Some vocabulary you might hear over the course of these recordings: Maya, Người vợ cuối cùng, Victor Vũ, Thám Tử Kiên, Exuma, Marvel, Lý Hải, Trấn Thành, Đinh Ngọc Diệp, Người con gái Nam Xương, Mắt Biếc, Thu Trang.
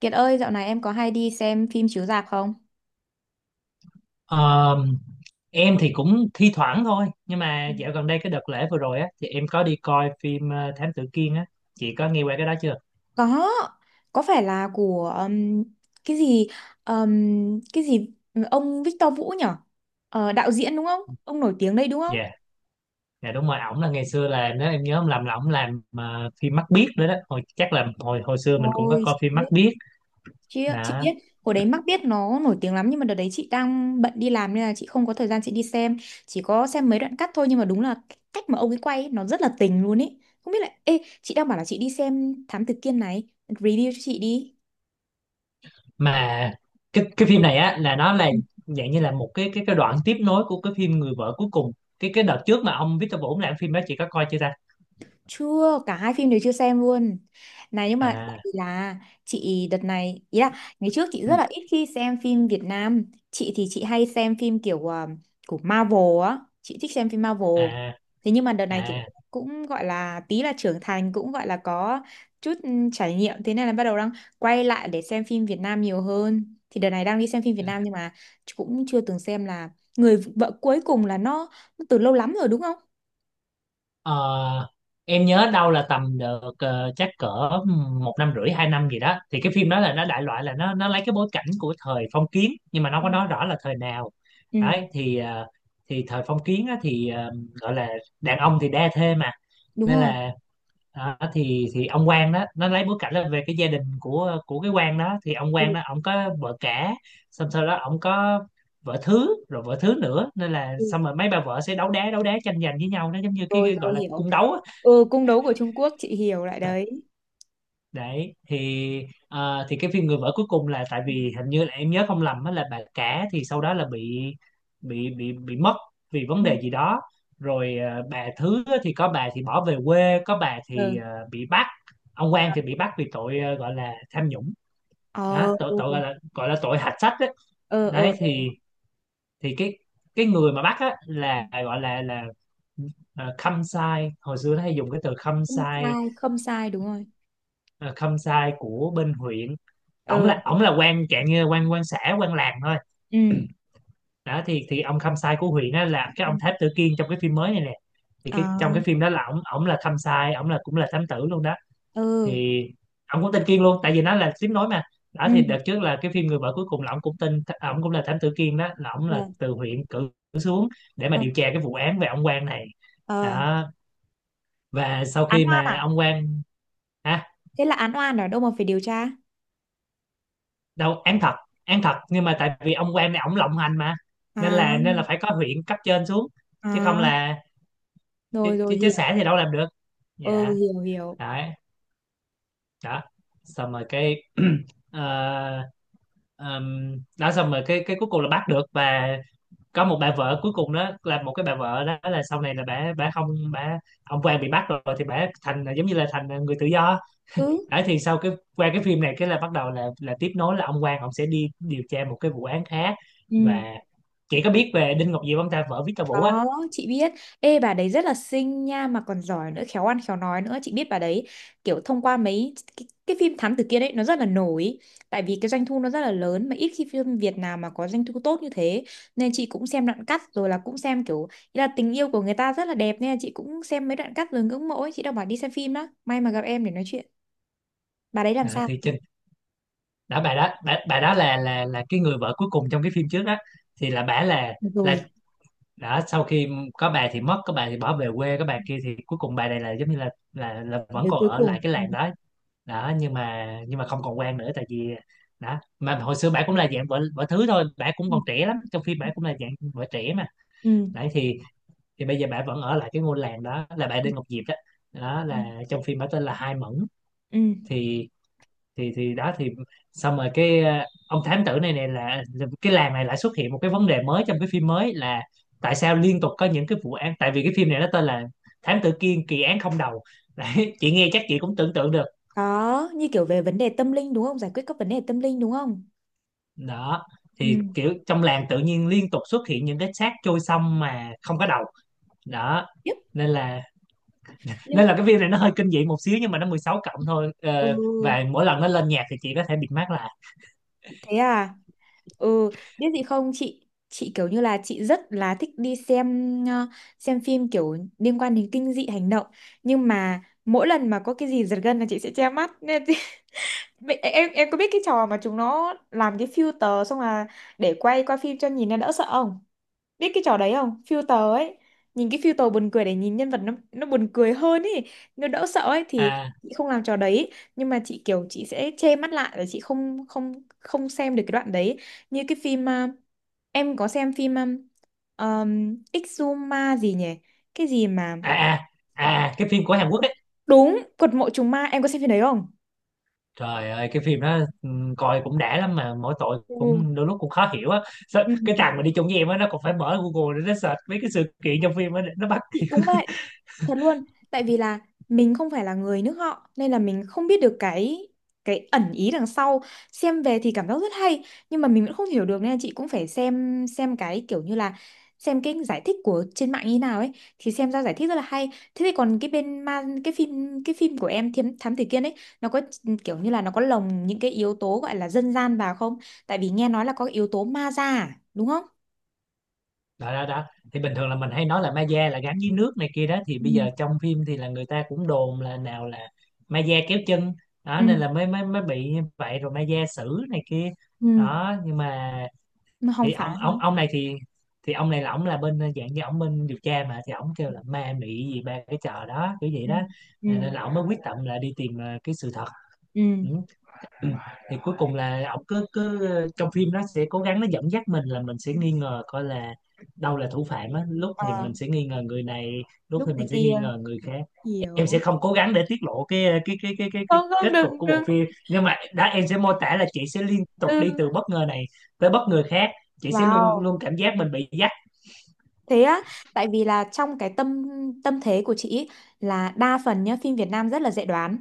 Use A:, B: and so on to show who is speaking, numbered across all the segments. A: Kiệt ơi, dạo này em có hay đi xem phim chiếu rạp không?
B: Ờ, em thì cũng thi thoảng thôi, nhưng
A: Ừ.
B: mà dạo gần đây cái đợt lễ vừa rồi á thì em có đi coi phim Thám Tử Kiên á. Chị có nghe qua cái đó chưa?
A: Có, có phải là của cái gì um, cái gì ông Victor Vũ nhở? Ờ, đạo diễn đúng không? Ông nổi tiếng đây đúng không?
B: Dạ, dạ đúng rồi, ổng là ngày xưa, là nếu em nhớ không lầm là ổng làm phim Mắt Biếc nữa đó. Hồi chắc là hồi hồi xưa mình cũng có
A: Ôi,
B: coi
A: chị
B: phim Mắt
A: biết.
B: Biếc
A: Chị
B: đó
A: biết, hồi đấy mắc biết nó nổi tiếng lắm nhưng mà đợt đấy chị đang bận đi làm nên là chị không có thời gian chị đi xem, chỉ có xem mấy đoạn cắt thôi nhưng mà đúng là cái cách mà ông ấy quay ấy, nó rất là tình luôn ấy. Không biết là ê, chị đang bảo là chị đi xem Thám Tử Kiên này, review cho chị đi.
B: mà. Cái phim này á là nó là dạng như là một cái đoạn tiếp nối của cái phim Người vợ cuối cùng. Cái đợt trước mà ông Victor Vũ làm phim đó, chị có coi chưa ta?
A: Chưa, cả hai phim đều chưa xem luôn. Này nhưng mà tại
B: À,
A: vì là chị đợt này, ý là ngày trước chị
B: ừ.
A: rất là ít khi xem phim Việt Nam. Chị thì chị hay xem phim kiểu à, của Marvel á, chị thích xem phim Marvel.
B: À,
A: Thế nhưng mà đợt này kiểu
B: à.
A: cũng gọi là tí là trưởng thành cũng gọi là có chút ừ, trải nghiệm thế nên là bắt đầu đang quay lại để xem phim Việt Nam nhiều hơn. Thì đợt này đang đi xem phim Việt Nam nhưng mà cũng chưa từng xem là Người vợ cuối cùng là nó từ lâu lắm rồi đúng không?
B: Ờ, em nhớ đâu là tầm được, chắc cỡ một năm rưỡi hai năm gì đó. Thì cái phim đó là nó đại loại là nó lấy cái bối cảnh của thời phong kiến nhưng mà nó không
A: Ừ,
B: có nói rõ là thời nào.
A: ừ,
B: Đấy thì thì thời phong kiến á, thì gọi là đàn ông thì đa thê mà,
A: đúng
B: nên
A: rồi.
B: là đó. Thì ông quan đó, nó lấy bối cảnh là về cái gia đình của cái quan đó. Thì ông quan đó ông có vợ cả, xong sau đó ông có vợ thứ, rồi vợ thứ nữa, nên là
A: Ừ.
B: xong rồi mấy bà vợ sẽ đấu đá, đấu đá tranh giành với nhau, nó giống như cái,
A: Rồi
B: cái gọi
A: rồi
B: là
A: hiểu.
B: cung đấu á.
A: Ừ cung đấu của Trung Quốc chị hiểu lại đấy.
B: Đấy thì thì cái phim Người vợ cuối cùng là, tại vì hình như là em nhớ không lầm á, là bà cả thì sau đó là bị bị mất vì vấn
A: Ừ.
B: đề gì đó. Rồi bà thứ á thì có bà thì bỏ về quê, có bà thì
A: Ừ.
B: bị bắt. Ông Quang thì bị bắt vì tội gọi là tham nhũng. Đó,
A: Ờ
B: tội,
A: ừ
B: gọi là tội hạch sách đấy.
A: ờ ờ
B: Đấy
A: ờ.
B: thì cái người mà bắt á là gọi là khâm sai. Hồi xưa nó hay dùng cái từ khâm
A: Không
B: sai,
A: sai, không sai đúng rồi.
B: à, khâm sai của bên huyện. Ổng
A: Ừ
B: là quan trạng, như quan quan xã, quan làng thôi.
A: ừ.
B: Đó thì ông Khâm Sai của huyện á là cái
A: Ừ.
B: ông Tháp Tử Kiên trong cái phim mới này nè. Thì
A: Ờ
B: cái trong cái phim đó là ổng ổng là Khâm Sai, ổng là cũng là thám tử luôn đó.
A: ừ
B: Thì ổng cũng tên Kiên luôn, tại vì nó là tiếng nói mà. Đó
A: ừ.
B: thì đợt trước là cái phim Người vợ cuối cùng là ổng cũng tên, ổng cũng là thám tử Kiên đó, là ổng
A: Ờ
B: là từ huyện cử xuống để mà
A: ờ.
B: điều tra cái vụ án về ông quan này.
A: Ờ.
B: Đó, và sau
A: Án
B: khi
A: oan à?
B: mà ông quan, hả?
A: Thế là án oan ở đâu mà phải điều tra?
B: Đâu, án thật, án thật, nhưng mà tại vì ông quan này ổng lộng hành mà,
A: À
B: nên là phải có huyện cấp trên xuống, chứ không
A: à
B: là chứ,
A: rồi
B: chứ,
A: rồi
B: chứ xã
A: hiểu.
B: thì đâu làm được.
A: Ừ
B: Dạ.
A: hiểu hiểu.
B: Đấy, đó, xong rồi cái ờ, ờm, đó xong rồi cái cuối cùng là bắt được. Và có một bà vợ cuối cùng đó, là một cái bà vợ đó là sau này là bà không bà ông quan bị bắt rồi thì bà thành giống như là thành người tự do.
A: Ừ.
B: Đấy, thì sau cái, qua cái phim này cái là bắt đầu là tiếp nối là ông Quang ông sẽ đi điều tra một cái vụ án khác. Và
A: Ừ.
B: chị có biết về Đinh Ngọc Diệp không ta, vợ Victor Vũ á?
A: Có, chị biết. Ê bà đấy rất là xinh nha mà còn giỏi nữa, khéo ăn khéo nói nữa. Chị biết bà đấy kiểu thông qua mấy cái phim Thám Tử Kiên ấy nó rất là nổi. Tại vì cái doanh thu nó rất là lớn mà ít khi phim Việt nào mà có doanh thu tốt như thế. Nên chị cũng xem đoạn cắt rồi là cũng xem kiểu ý là tình yêu của người ta rất là đẹp nên là chị cũng xem mấy đoạn cắt rồi ngưỡng mộ ấy. Chị đang bảo đi xem phim đó. May mà gặp em để nói chuyện. Bà đấy làm
B: À,
A: sao?
B: thì Trinh, đã bà đó, bà đó là là cái người vợ cuối cùng trong cái phim trước đó. Thì là bà là
A: Được
B: là
A: rồi,
B: đã sau khi có bà thì mất, có bà thì bỏ về quê, có bà kia thì cuối cùng bà này là giống như là là vẫn
A: người
B: còn
A: cuối
B: ở lại
A: cùng.
B: cái
A: Ừ.
B: làng đó. Đó nhưng mà, không còn quan nữa, tại vì đó mà hồi xưa bà cũng là dạng vợ vợ thứ thôi, bà cũng còn trẻ lắm, trong phim bà
A: Ừ.
B: cũng là dạng vợ trẻ mà.
A: Ừ.
B: Đấy thì bây giờ bà vẫn ở lại cái ngôi làng đó, là bà Đinh Ngọc Diệp đó. Đó
A: Ừ.
B: là trong phim bà tên là Hai Mẫn.
A: Ừ.
B: Thì thì đó thì xong rồi cái ông thám tử này, này là cái làng này lại xuất hiện một cái vấn đề mới trong cái phim mới, là tại sao liên tục có những cái vụ án. Tại vì cái phim này nó tên là Thám Tử Kiên kỳ án không đầu đấy chị nghe chắc chị cũng tưởng tượng được.
A: Có, như kiểu về vấn đề tâm linh đúng không? Giải quyết các vấn đề tâm linh đúng không?
B: Đó thì
A: Ừ.
B: kiểu trong làng tự nhiên liên tục xuất hiện những cái xác trôi sông mà không có đầu. Đó,
A: Biết.
B: nên là nên
A: Nhưng
B: là cái phim này nó hơi kinh dị một xíu nhưng mà nó 16 cộng thôi.
A: ừ,
B: Ờ, và mỗi lần nó lên nhạc thì chị có thể bịt mắt là
A: thế à? Ừ, biết gì không chị? Chị kiểu như là chị rất là thích đi xem ờ, xem phim kiểu liên quan đến kinh dị hành động, nhưng mà mỗi lần mà có cái gì giật gân là chị sẽ che mắt. Nên chị- em có biết cái trò mà chúng nó làm cái filter xong là để quay qua phim cho nhìn nó đỡ sợ không? Biết cái trò đấy không filter ấy, nhìn cái filter buồn cười để nhìn nhân vật nó buồn cười hơn ấy, nó đỡ sợ ấy thì
B: à
A: chị không làm trò đấy, nhưng mà chị kiểu chị sẽ che mắt lại và chị không không không xem được cái đoạn đấy, như cái phim à, em có xem phim Exuma gì nhỉ, cái gì mà
B: à à. À, cái phim của Hàn Quốc ấy.
A: đúng quật mộ trùng ma, em có xem phim đấy không?
B: Trời ơi, cái phim đó coi cũng đã lắm, mà mỗi tội
A: Ừ.
B: cũng đôi lúc cũng khó hiểu á. Sao-
A: Ừ.
B: cái thằng mà đi chung với em á, nó còn phải mở Google để nó search mấy cái sự kiện trong phim á để nó bắt.
A: Chị cũng vậy. Thật luôn, tại vì là mình không phải là người nước họ nên là mình không biết được cái ẩn ý đằng sau. Xem về thì cảm giác rất hay nhưng mà mình vẫn không hiểu được nên là chị cũng phải xem cái kiểu như là xem cái giải thích của trên mạng như nào ấy thì xem ra giải thích rất là hay. Thế thì còn cái bên ma cái phim của em Thiếm Thám Tử Kiên ấy nó có kiểu như là nó có lồng những cái yếu tố gọi là dân gian vào không? Tại vì nghe nói là có cái yếu tố ma da à, đúng không?
B: Đó đó đó, thì bình thường là mình hay nói là ma da là gắn với nước này kia đó. Thì bây
A: Ừ.
B: giờ trong phim thì là người ta cũng đồn là nào là ma da kéo chân. Đó
A: Ừ.
B: nên là mới mới mới bị như vậy, rồi ma da xử này kia.
A: Ừ,
B: Đó nhưng mà,
A: mà không
B: thì ông
A: phải. Hả?
B: ông ông này thì ông này là ông là bên dạng như ông bên điều tra mà, thì ông kêu là ma mị gì ba cái trò đó kiểu vậy
A: Ừ.
B: đó.
A: Ừ.
B: Nên là ông mới quyết tâm là đi tìm cái sự thật.
A: Ừ.
B: Ừ. Ừ. Thì cuối cùng là ổng cứ cứ trong phim nó sẽ cố gắng nó dẫn dắt mình là mình sẽ nghi ngờ coi là đâu là thủ phạm á, lúc thì
A: Ờ,
B: mình sẽ nghi ngờ người này, lúc
A: lúc
B: thì mình
A: này
B: sẽ nghi
A: kia
B: ngờ người khác. Em sẽ
A: hiểu.
B: không cố gắng để tiết lộ cái cái
A: Không không
B: kết cục
A: đừng
B: của
A: đừng
B: bộ phim, nhưng mà đã em sẽ mô tả là chị sẽ liên tục
A: ừ
B: đi từ bất ngờ này tới bất ngờ khác. Chị sẽ luôn
A: wow.
B: luôn cảm giác mình bị dắt.
A: Thế á, tại vì là trong cái tâm tâm thế của chị ý, là đa phần nhá, phim Việt Nam rất là dễ đoán.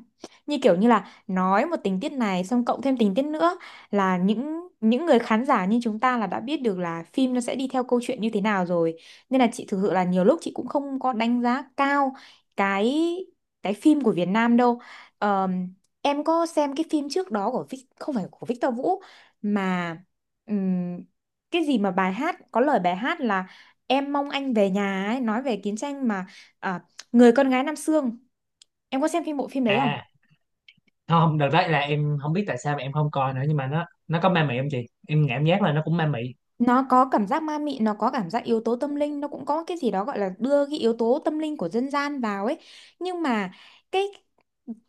A: Như kiểu như là nói một tình tiết này xong cộng thêm tình tiết nữa là những người khán giả như chúng ta là đã biết được là phim nó sẽ đi theo câu chuyện như thế nào rồi. Nên là chị thực sự là nhiều lúc chị cũng không có đánh giá cao cái phim của Việt Nam đâu. Ờm, em có xem cái phim trước đó của Vic- không phải của Victor Vũ mà ừm, cái gì mà bài hát có lời bài hát là Em mong anh về nhà ấy, nói về chiến tranh mà à, Người con gái Nam Xương. Em có xem phim bộ phim đấy không?
B: À, không, đợt đấy là em không biết tại sao mà em không coi nữa, nhưng mà nó có ma mị không chị? Em cảm giác là nó cũng ma mị.
A: Nó có cảm giác ma mị, nó có cảm giác yếu tố tâm linh, nó cũng có cái gì đó gọi là đưa cái yếu tố tâm linh của dân gian vào ấy. Nhưng mà cái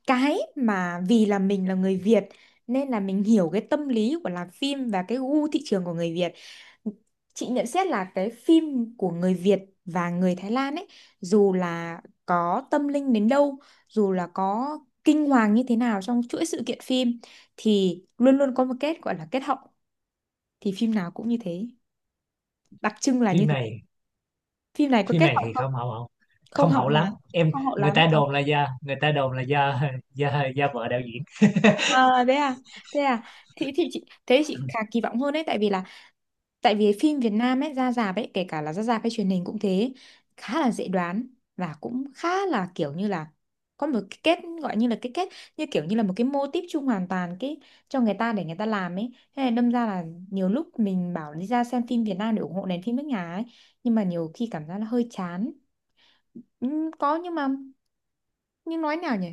A: cái mà vì là mình là người Việt nên là mình hiểu cái tâm lý của làm phim và cái gu thị trường của người Việt. Chị nhận xét là cái phim của người Việt và người Thái Lan ấy dù là có tâm linh đến đâu, dù là có kinh hoàng như thế nào trong chuỗi sự kiện phim thì luôn luôn có một kết gọi là kết hậu, thì phim nào cũng như thế. Đặc trưng là như
B: Phim
A: thế.
B: này,
A: Phim này có
B: phim
A: kết
B: này
A: hậu
B: thì
A: không?
B: không hậu, không,
A: Không
B: không
A: hậu
B: hậu
A: hả?
B: lắm em.
A: Không hậu
B: Người
A: lắm.
B: ta
A: Ờ,
B: đồn là do, người ta đồn là do do vợ đạo diễn.
A: à, thế à? Thế à? Thì chị thế chị khá kỳ vọng hơn đấy tại vì là tại vì phim Việt Nam ấy ra rạp ấy kể cả là ra rạp hay truyền hình cũng thế khá là dễ đoán và cũng khá là kiểu như là có một cái kết gọi như là cái kết như kiểu như là một cái mô típ chung hoàn toàn cái cho người ta để người ta làm ấy thế này đâm ra là nhiều lúc mình bảo đi ra xem phim Việt Nam để ủng hộ nền phim nước nhà ấy nhưng mà nhiều khi cảm giác là hơi chán. Có nhưng mà nhưng nói nào nhỉ,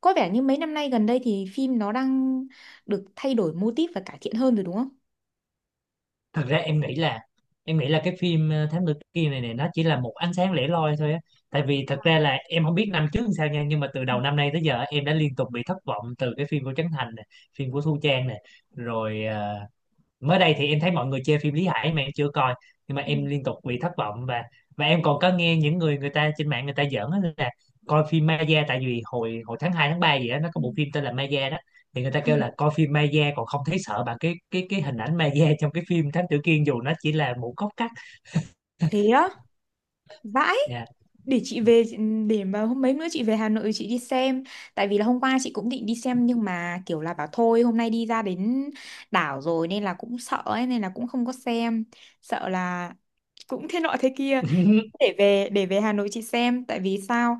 A: có vẻ như mấy năm nay gần đây thì phim nó đang được thay đổi mô típ và cải thiện hơn rồi đúng không?
B: Thật ra em nghĩ là, em nghĩ là cái phim Thám Tử Kiên này, này nó chỉ là một ánh sáng lẻ loi thôi á. Tại vì thật
A: Ừ.
B: ra là em không biết năm trước làm sao nha, nhưng mà từ đầu năm nay tới giờ em đã liên tục bị thất vọng từ cái phim của Trấn Thành này, phim của Thu Trang này, rồi mới đây thì em thấy mọi người chê phim Lý Hải mà em chưa coi. Nhưng mà
A: Ừ.
B: em liên tục bị thất vọng. Và em còn có nghe những người, người ta trên mạng người ta giỡn á, là coi phim Maya, tại vì hồi hồi tháng 2 tháng 3 gì đó nó có
A: Ừ.
B: bộ phim tên là Maya đó. Thì người ta
A: Ừ.
B: kêu là coi phim Maya còn không thấy sợ bằng cái cái hình ảnh Maya trong cái phim Thám Tử Kiên, dù nó chỉ là một góc cắt.
A: Thế á? Vãi,
B: Dạ
A: để chị về để mà hôm mấy nữa chị về Hà Nội chị đi xem. Tại vì là hôm qua chị cũng định đi xem nhưng mà kiểu là bảo thôi hôm nay đi ra đến đảo rồi nên là cũng sợ ấy nên là cũng không có xem. Sợ là cũng thế nọ thế kia. Để về Hà Nội chị xem tại vì sao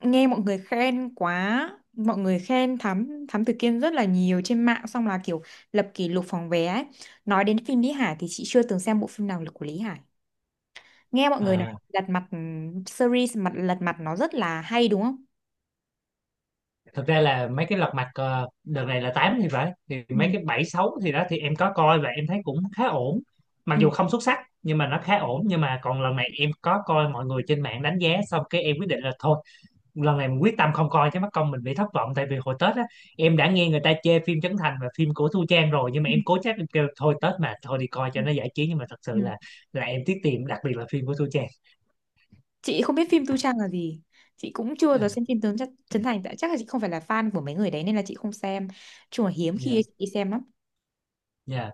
A: nghe mọi người khen quá. Mọi người khen Thám Thám Tử Kiên rất là nhiều trên mạng xong là kiểu lập kỷ lục phòng vé ấy. Nói đến phim Lý Hải thì chị chưa từng xem bộ phim nào của Lý Hải. Nghe mọi người nói
B: à.
A: lật mặt ừ, series mặt lật mặt nó rất là hay đúng không?
B: Thực ra là mấy cái Lật Mặt đợt này là 8 thì phải, thì
A: Ừ.
B: mấy cái 7 6 thì đó thì em có coi và em thấy cũng khá ổn, mặc
A: Ừ.
B: dù không xuất sắc nhưng mà nó khá ổn. Nhưng mà còn lần này em có coi mọi người trên mạng đánh giá, xong cái em quyết định là thôi lần này mình quyết tâm không coi chứ mất công mình bị thất vọng. Tại vì hồi Tết á, em đã nghe người ta chê phim Trấn Thành và phim của Thu Trang rồi, nhưng mà
A: Ừ.
B: em cố chấp em kêu thôi Tết mà, thôi đi coi
A: Ừ.
B: cho nó giải trí, nhưng mà thật sự
A: Ừ.
B: là em tiếc tiền, đặc biệt là phim của Thu Trang.
A: Chị không biết phim Tu Trang là gì. Chị cũng chưa
B: À,
A: giờ xem phim Tướng chắc Trấn Thành tại chắc là chị không phải là fan của mấy người đấy nên là chị không xem. Chung là hiếm khi
B: yeah,
A: chị đi xem lắm.
B: yeah.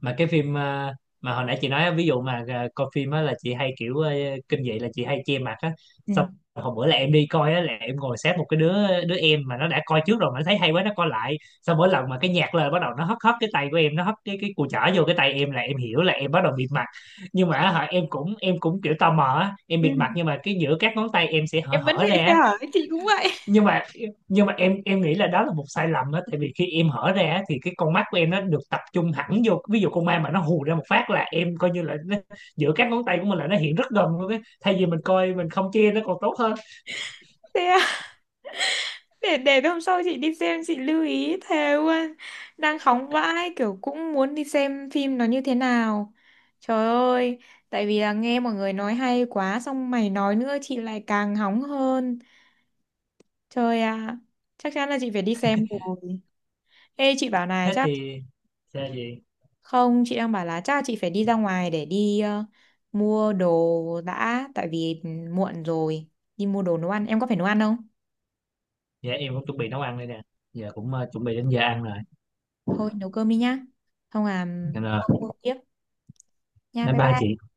B: Mà cái phim mà hồi nãy chị nói á, ví dụ mà coi phim á là chị hay kiểu kinh dị là chị hay che mặt á.
A: Ừ.
B: Xong hồi bữa là em đi coi á, là em ngồi sát một cái đứa, em mà nó đã coi trước rồi mà nó thấy hay quá nó coi lại. Xong mỗi lần mà cái nhạc lên bắt đầu nó hất hất cái tay của em, nó hất cái cùi chỏ vô cái tay em là em hiểu là em bắt đầu bịt mặt. Nhưng mà á, hả, em cũng kiểu tò mò á, em bịt
A: Ừ.
B: mặt nhưng mà cái giữa các ngón tay em sẽ hở
A: Em vẫn
B: hở ra
A: thế
B: á.
A: hả? Chị cũng vậy.
B: Nhưng mà em nghĩ là đó là một sai lầm đó, tại vì khi em hở ra á, thì cái con mắt của em nó được tập trung hẳn vô, ví dụ con ma mà nó hù ra một phát là em coi như là nó, giữa các ngón tay của mình là nó hiện rất gần luôn ấy, thay vì mình coi mình không che nó còn tốt hơn.
A: Thế à? Để hôm sau chị đi xem chị lưu ý thề luôn, đang hóng vãi kiểu cũng muốn đi xem phim nó như thế nào, trời ơi, tại vì là nghe mọi người nói hay quá xong mày nói nữa chị lại càng hóng hơn, trời ạ, chắc chắn là chị phải đi xem rồi. Ê chị bảo này
B: Thế
A: chắc
B: thì, thế gì.
A: không chị đang bảo là chắc là chị phải đi ra ngoài để đi ờ, mua đồ đã tại vì ừ, muộn rồi, đi mua đồ nấu ăn, em có phải nấu ăn không?
B: Dạ em cũng chuẩn bị nấu ăn đây nè, giờ cũng chuẩn bị đến giờ ăn rồi,
A: Thôi nấu cơm đi nhá, không à,
B: nên là
A: không mua tiếp nha,
B: bye
A: bye
B: bye
A: bye.
B: chị.